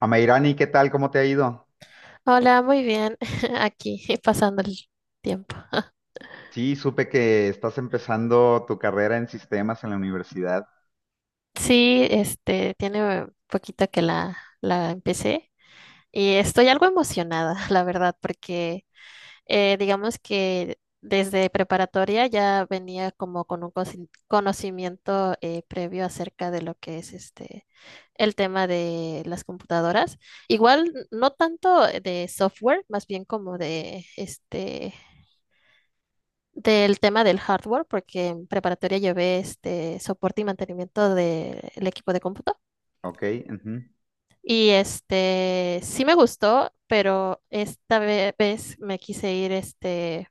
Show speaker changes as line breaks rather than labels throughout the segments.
Amairani, ¿qué tal? ¿Cómo te ha ido?
Hola, muy bien. Aquí pasando el tiempo.
Sí, supe que estás empezando tu carrera en sistemas en la universidad.
Sí, tiene poquito que la empecé y estoy algo emocionada, la verdad, porque digamos que desde preparatoria ya venía como con un conocimiento previo acerca de lo que es el tema de las computadoras. Igual no tanto de software, más bien como de del tema del hardware, porque en preparatoria llevé este soporte y mantenimiento del equipo de cómputo.
Ok, ujú.
Y este sí me gustó, pero esta vez me quise ir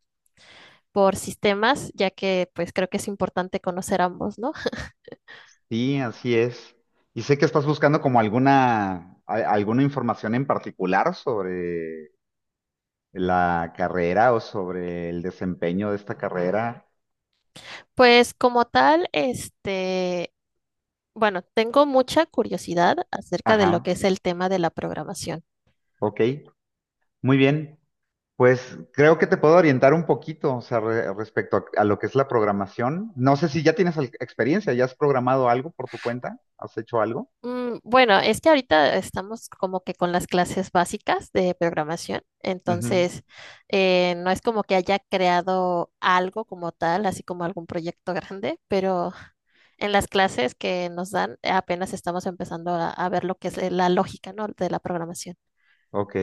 por sistemas, ya que pues creo que es importante conocer ambos, ¿no?
Sí, así es. Y sé que estás buscando como alguna, alguna información en particular sobre la carrera o sobre el desempeño de esta carrera.
Pues como tal, bueno, tengo mucha curiosidad acerca de lo que
Ajá,
es el tema de la programación.
ok, muy bien. Pues creo que te puedo orientar un poquito, o sea, respecto a lo que es la programación. No sé si ya tienes experiencia, ya has programado algo por tu cuenta, has hecho algo.
Bueno, es que ahorita estamos como que con las clases básicas de programación,
Ujú,
entonces no es como que haya creado algo como tal, así como algún proyecto grande, pero en las clases que nos dan apenas estamos empezando a ver lo que es la lógica, ¿no?, de la programación.
ok.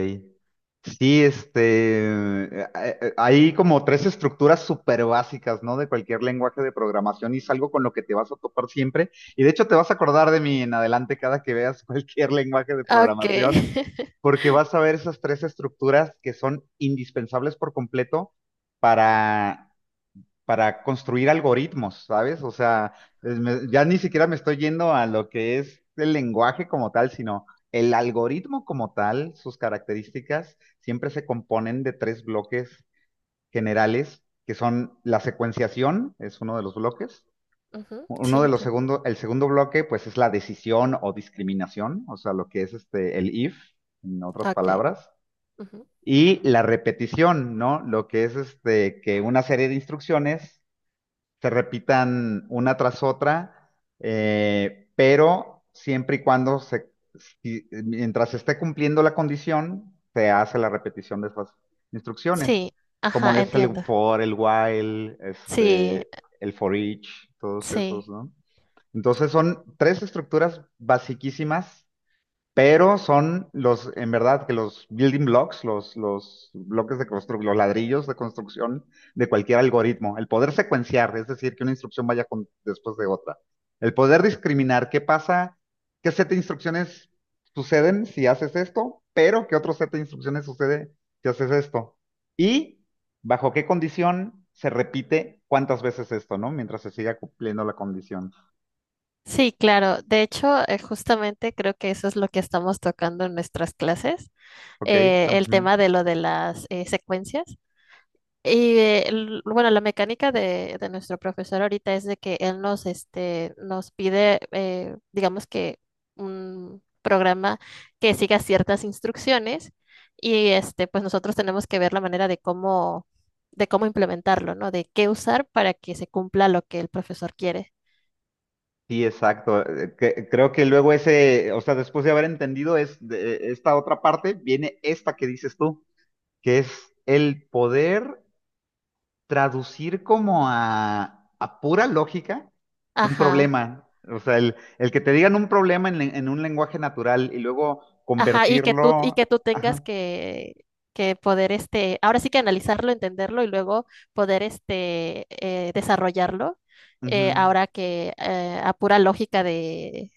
Sí, este, hay como tres estructuras súper básicas, ¿no? De cualquier lenguaje de programación y es algo con lo que te vas a topar siempre. Y de hecho te vas a acordar de mí en adelante cada que veas cualquier lenguaje de
Ah, ok.
programación, porque vas a ver esas tres estructuras que son indispensables por completo para para construir algoritmos, ¿sabes? O sea, ya ni siquiera me estoy yendo a lo que es el lenguaje como tal, sino el algoritmo como tal, sus características siempre se componen de tres bloques generales, que son la secuenciación, es uno de los bloques.
Ujú, sí,
Uno de los
entiendo.
segundos, el segundo bloque, pues es la decisión o discriminación, o sea, lo que es este, el if, en otras
Ok,
palabras.
ujú.
Y la repetición, ¿no? Lo que es este, que una serie de instrucciones se repitan una tras otra, pero siempre y cuando se, mientras se esté cumpliendo la condición, se hace la repetición de esas instrucciones,
Sí,
como
ajá,
es el
entiendo.
for, el while,
Sí,
este, el for each, todos esos,
sí.
¿no? Entonces son tres estructuras basiquísimas pero son los, en verdad, que los building blocks, los bloques de construcción, los ladrillos de construcción de cualquier algoritmo. El poder secuenciar, es decir, que una instrucción vaya después de otra. El poder discriminar qué pasa, qué set de instrucciones suceden si haces esto, pero qué otro set de instrucciones sucede si haces esto. Y bajo qué condición se repite cuántas veces esto, ¿no? Mientras se siga cumpliendo la condición.
Sí, claro. De hecho, justamente creo que eso es lo que estamos tocando en nuestras clases,
¿Ok?
el
Ujú.
tema de lo de las secuencias. Y bueno, la mecánica de nuestro profesor ahorita es de que él nos, nos pide, digamos que un programa que siga ciertas instrucciones y pues nosotros tenemos que ver la manera de cómo implementarlo, ¿no? De qué usar para que se cumpla lo que el profesor quiere.
Sí, exacto. Creo que luego ese, o sea, después de haber entendido es, esta otra parte, viene esta que dices tú, que es el poder traducir como a pura lógica un
Ajá.
problema. O sea, el que te digan un problema en, en un lenguaje natural y luego
Ajá, y
convertirlo.
que tú tengas
Ajá,
que poder, ahora sí que analizarlo, entenderlo y luego poder, desarrollarlo,
ujú.
ahora que a pura lógica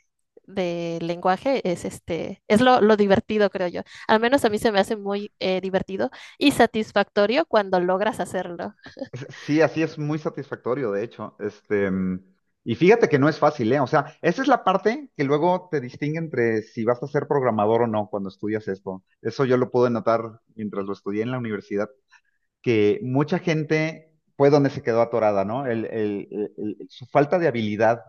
de lenguaje es, es lo divertido, creo yo. Al menos a mí se me hace muy divertido y satisfactorio cuando logras hacerlo.
Sí, así es muy satisfactorio, de hecho. Este, y fíjate que no es fácil, ¿eh? O sea, esa es la parte que luego te distingue entre si vas a ser programador o no cuando estudias esto. Eso yo lo pude notar mientras lo estudié en la universidad, que mucha gente fue donde se quedó atorada, ¿no? Su falta de habilidad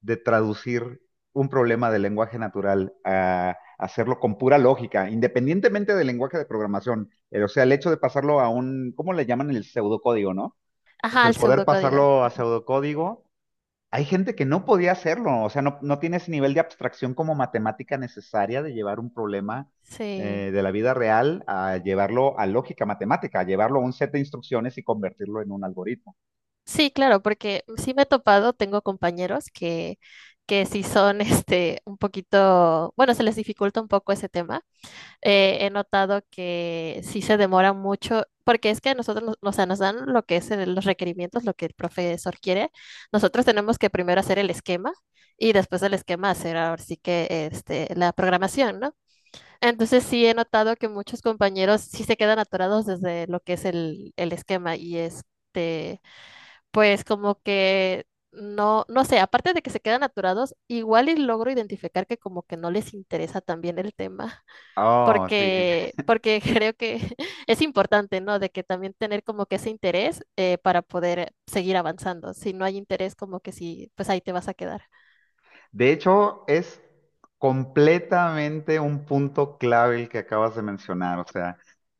de traducir un problema de lenguaje natural a hacerlo con pura lógica, independientemente del lenguaje de programación. O sea, el hecho de pasarlo a un, ¿cómo le llaman? El pseudocódigo, ¿no? Pues
Ajá,
el
el
poder
pseudocódigo.
pasarlo a pseudocódigo. Hay gente que no podía hacerlo, o sea, no, no tiene ese nivel de abstracción como matemática necesaria de llevar un problema
Sí.
de la vida real a llevarlo a lógica matemática, a llevarlo a un set de instrucciones y convertirlo en un algoritmo.
Sí, claro, porque sí me he topado, tengo compañeros que sí son este un poquito, bueno, se les dificulta un poco ese tema. He notado que sí se demora mucho, porque es que a nosotros, o sea, nos dan lo que es los requerimientos, lo que el profesor quiere. Nosotros tenemos que primero hacer el esquema y después del esquema hacer ahora sí que la programación, ¿no? Entonces sí he notado que muchos compañeros sí se quedan atorados desde lo que es el esquema y pues como que no, no sé, aparte de que se quedan aturados, igual y logro identificar que como que no les interesa también el tema,
Oh, sí.
porque creo que es importante, ¿no? De que también tener como que ese interés para poder seguir avanzando. Si no hay interés, como que sí, pues ahí te vas a quedar.
De hecho, es completamente un punto clave el que acabas de mencionar. O sea,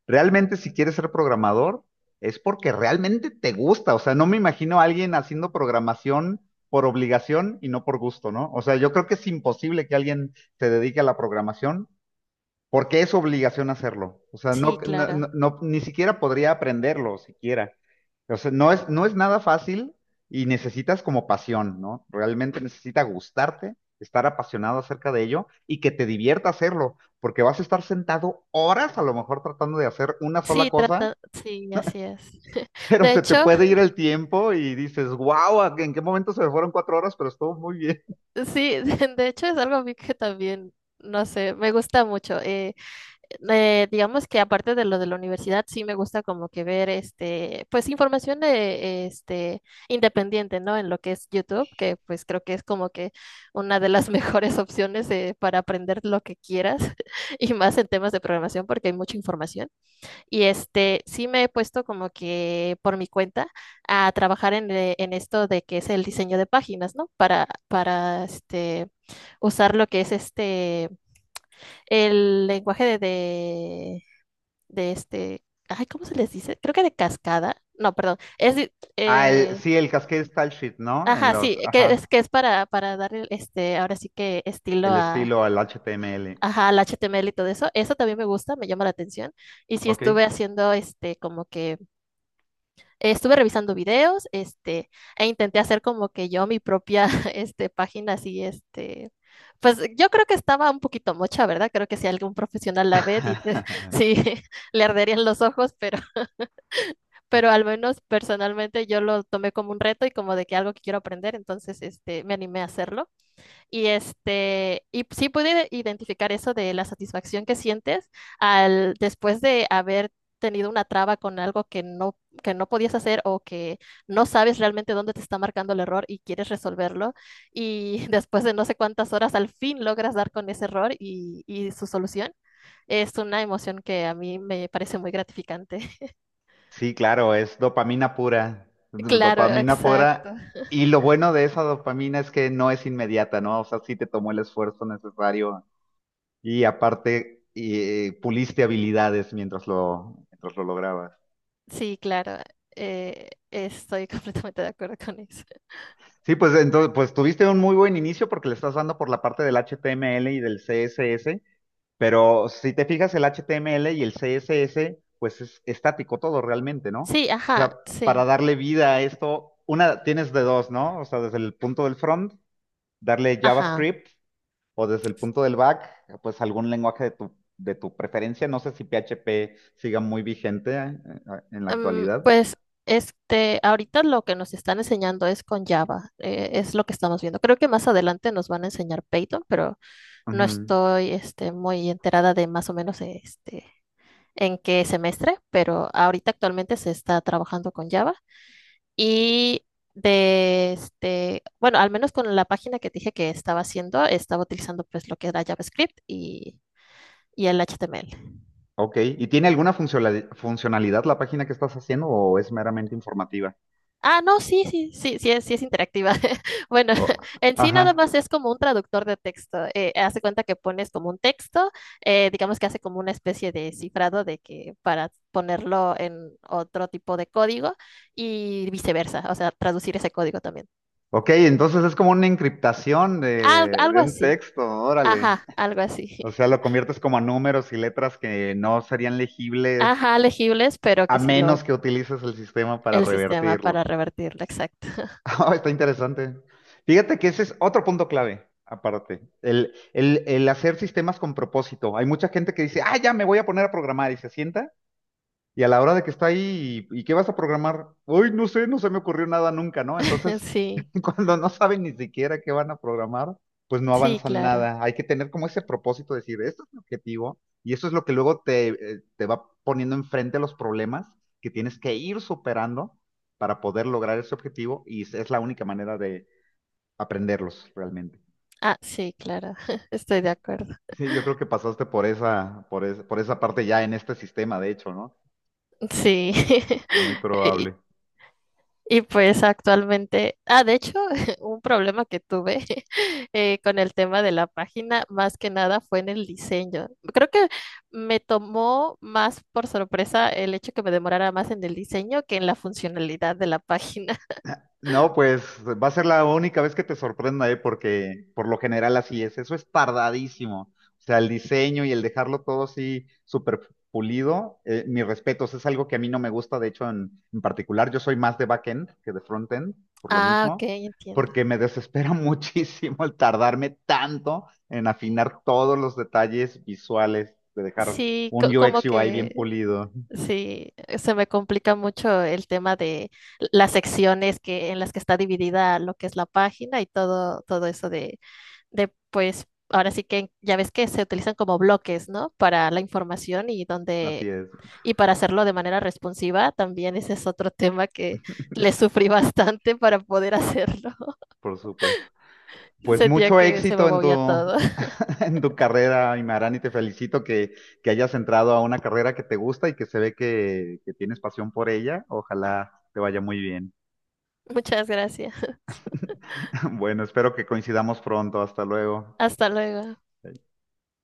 realmente si quieres ser programador, es porque realmente te gusta. O sea, no me imagino a alguien haciendo programación por obligación y no por gusto, ¿no? O sea, yo creo que es imposible que alguien se dedique a la programación porque es obligación hacerlo. O sea, no,
Sí,
no,
claro.
ni siquiera podría aprenderlo, siquiera. O sea, no es, no es nada fácil y necesitas como pasión, ¿no? Realmente necesita gustarte, estar apasionado acerca de ello y que te divierta hacerlo, porque vas a estar sentado horas a lo mejor tratando de hacer una sola
Sí,
cosa,
trata, sí, así es.
pero
De
se te
hecho,
puede ir el tiempo y dices, wow, ¿en qué momento se me fueron cuatro horas? Pero estuvo muy bien.
sí, de hecho es algo a mí que también, no sé, me gusta mucho. Digamos que aparte de lo de la universidad, sí me gusta como que ver pues información de independiente, ¿no? En lo que es YouTube, que pues creo que es como que una de las mejores opciones para aprender lo que quieras y más en temas de programación porque hay mucha información. Y sí me he puesto como que por mi cuenta a trabajar en esto de que es el diseño de páginas, ¿no? Para usar lo que es el lenguaje de ay, ¿cómo se les dice? Creo que de cascada. No, perdón.
Ah, sí, el Cascade Style Sheet, ¿no? En
Ajá,
los,
sí,
ajá,
que es para darle ahora sí que estilo
el
a
estilo, el HTML.
ajá, al HTML y todo eso. Eso también me gusta, me llama la atención. Y sí estuve
Ok.
haciendo este como que estuve revisando videos, e intenté hacer como que yo mi propia este página así este. Pues yo creo que estaba un poquito mocha, ¿verdad? Creo que si algún profesional la ve, sí, le arderían los ojos, pero al menos personalmente yo lo tomé como un reto y como de que algo que quiero aprender, entonces me animé a hacerlo. Y, y sí pude identificar eso de la satisfacción que sientes al, después de haber tenido una traba con algo que no podías hacer o que no sabes realmente dónde te está marcando el error y quieres resolverlo. Y después de no sé cuántas horas, al fin logras dar con ese error y su solución. Es una emoción que a mí me parece muy gratificante.
Sí, claro, es dopamina pura,
Claro,
dopamina pura.
exacto.
Y lo bueno de esa dopamina es que no es inmediata, ¿no? O sea, sí te tomó el esfuerzo necesario y aparte puliste habilidades mientras lo lograbas.
Sí, claro, estoy completamente de acuerdo con eso.
Sí, pues entonces, pues tuviste un muy buen inicio porque le estás dando por la parte del HTML y del CSS. Pero si te fijas, el HTML y el CSS, pues es estático todo realmente, ¿no?
Sí,
O
ajá,
sea, para
sí,
darle vida a esto, una tienes de dos, ¿no? O sea, desde el punto del front, darle
ajá.
JavaScript, o desde el punto del back, pues algún lenguaje de tu preferencia. No sé si PHP siga muy vigente en la actualidad.
Pues ahorita lo que nos están enseñando es con Java, es lo que estamos viendo. Creo que más adelante nos van a enseñar Python, pero no
Ujú.
estoy muy enterada de más o menos en qué semestre, pero ahorita actualmente se está trabajando con Java. Y de bueno, al menos con la página que te dije que estaba haciendo, estaba utilizando pues lo que era JavaScript y el HTML.
Ok, ¿y tiene alguna funcionalidad la página que estás haciendo o es meramente informativa?
Ah, no, sí, sí, sí, sí es interactiva. Bueno,
O-
en sí nada
ajá.
más es como un traductor de texto. Hace cuenta que pones como un texto, digamos que hace como una especie de cifrado de que para ponerlo en otro tipo de código y viceversa, o sea, traducir ese código también.
Ok, entonces es como una encriptación
Algo
de un
así.
texto, órale.
Ajá, algo
O
así.
sea, lo conviertes como a números y letras que no serían legibles
Ajá, legibles, pero
a
que sí lo,
menos que utilices el sistema para
el sistema
revertirlo.
para revertirlo, exacto.
Ah, está interesante. Fíjate que ese es otro punto clave, aparte. El hacer sistemas con propósito. Hay mucha gente que dice, ah, ya me voy a poner a programar y se sienta. Y a la hora de que está ahí, y qué vas a programar? Uy, no sé, no se me ocurrió nada nunca, ¿no? Entonces,
Sí,
cuando no saben ni siquiera qué van a programar, pues no
sí,
avanzan
claro.
nada. Hay que tener como ese propósito de decir, esto es mi objetivo, y eso es lo que luego te, te va poniendo enfrente los problemas que tienes que ir superando para poder lograr ese objetivo, y es la única manera de aprenderlos realmente.
Ah, sí, claro. Estoy de acuerdo.
Sí, yo creo que pasaste por esa, por esa parte ya en este sistema, de hecho, ¿no?
Sí.
Muy
Y,
probable.
y pues actualmente, ah, de hecho, un problema que tuve con el tema de la página, más que nada fue en el diseño. Creo que me tomó más por sorpresa el hecho que me demorara más en el diseño que en la funcionalidad de la página.
No, pues va a ser la única vez que te sorprenda, ¿eh? Porque por lo general así es. Eso es tardadísimo. O sea, el diseño y el dejarlo todo así súper pulido, mis respetos, es algo que a mí no me gusta, de hecho, en particular. Yo soy más de backend que de frontend, por lo
Ah, ok,
mismo,
entiendo.
porque me desespera muchísimo el tardarme tanto en afinar todos los detalles visuales, de dejar
Sí,
un
como
UX UI bien
que
pulido.
sí, se me complica mucho el tema de las secciones que, en las que está dividida lo que es la página y todo, todo eso de, pues, ahora sí que ya ves que se utilizan como bloques, ¿no? Para la información y
Así
donde,
es,
y para hacerlo de manera responsiva, también ese es otro tema que le sufrí bastante para poder hacerlo.
por supuesto. Pues
Sentía
mucho
que se me
éxito en tu,
movía todo.
en tu carrera, Imarán, y te felicito que hayas entrado a una carrera que te gusta y que se ve que tienes pasión por ella. Ojalá te vaya muy bien.
Muchas gracias.
Bueno, espero que coincidamos pronto. Hasta luego.
Hasta luego.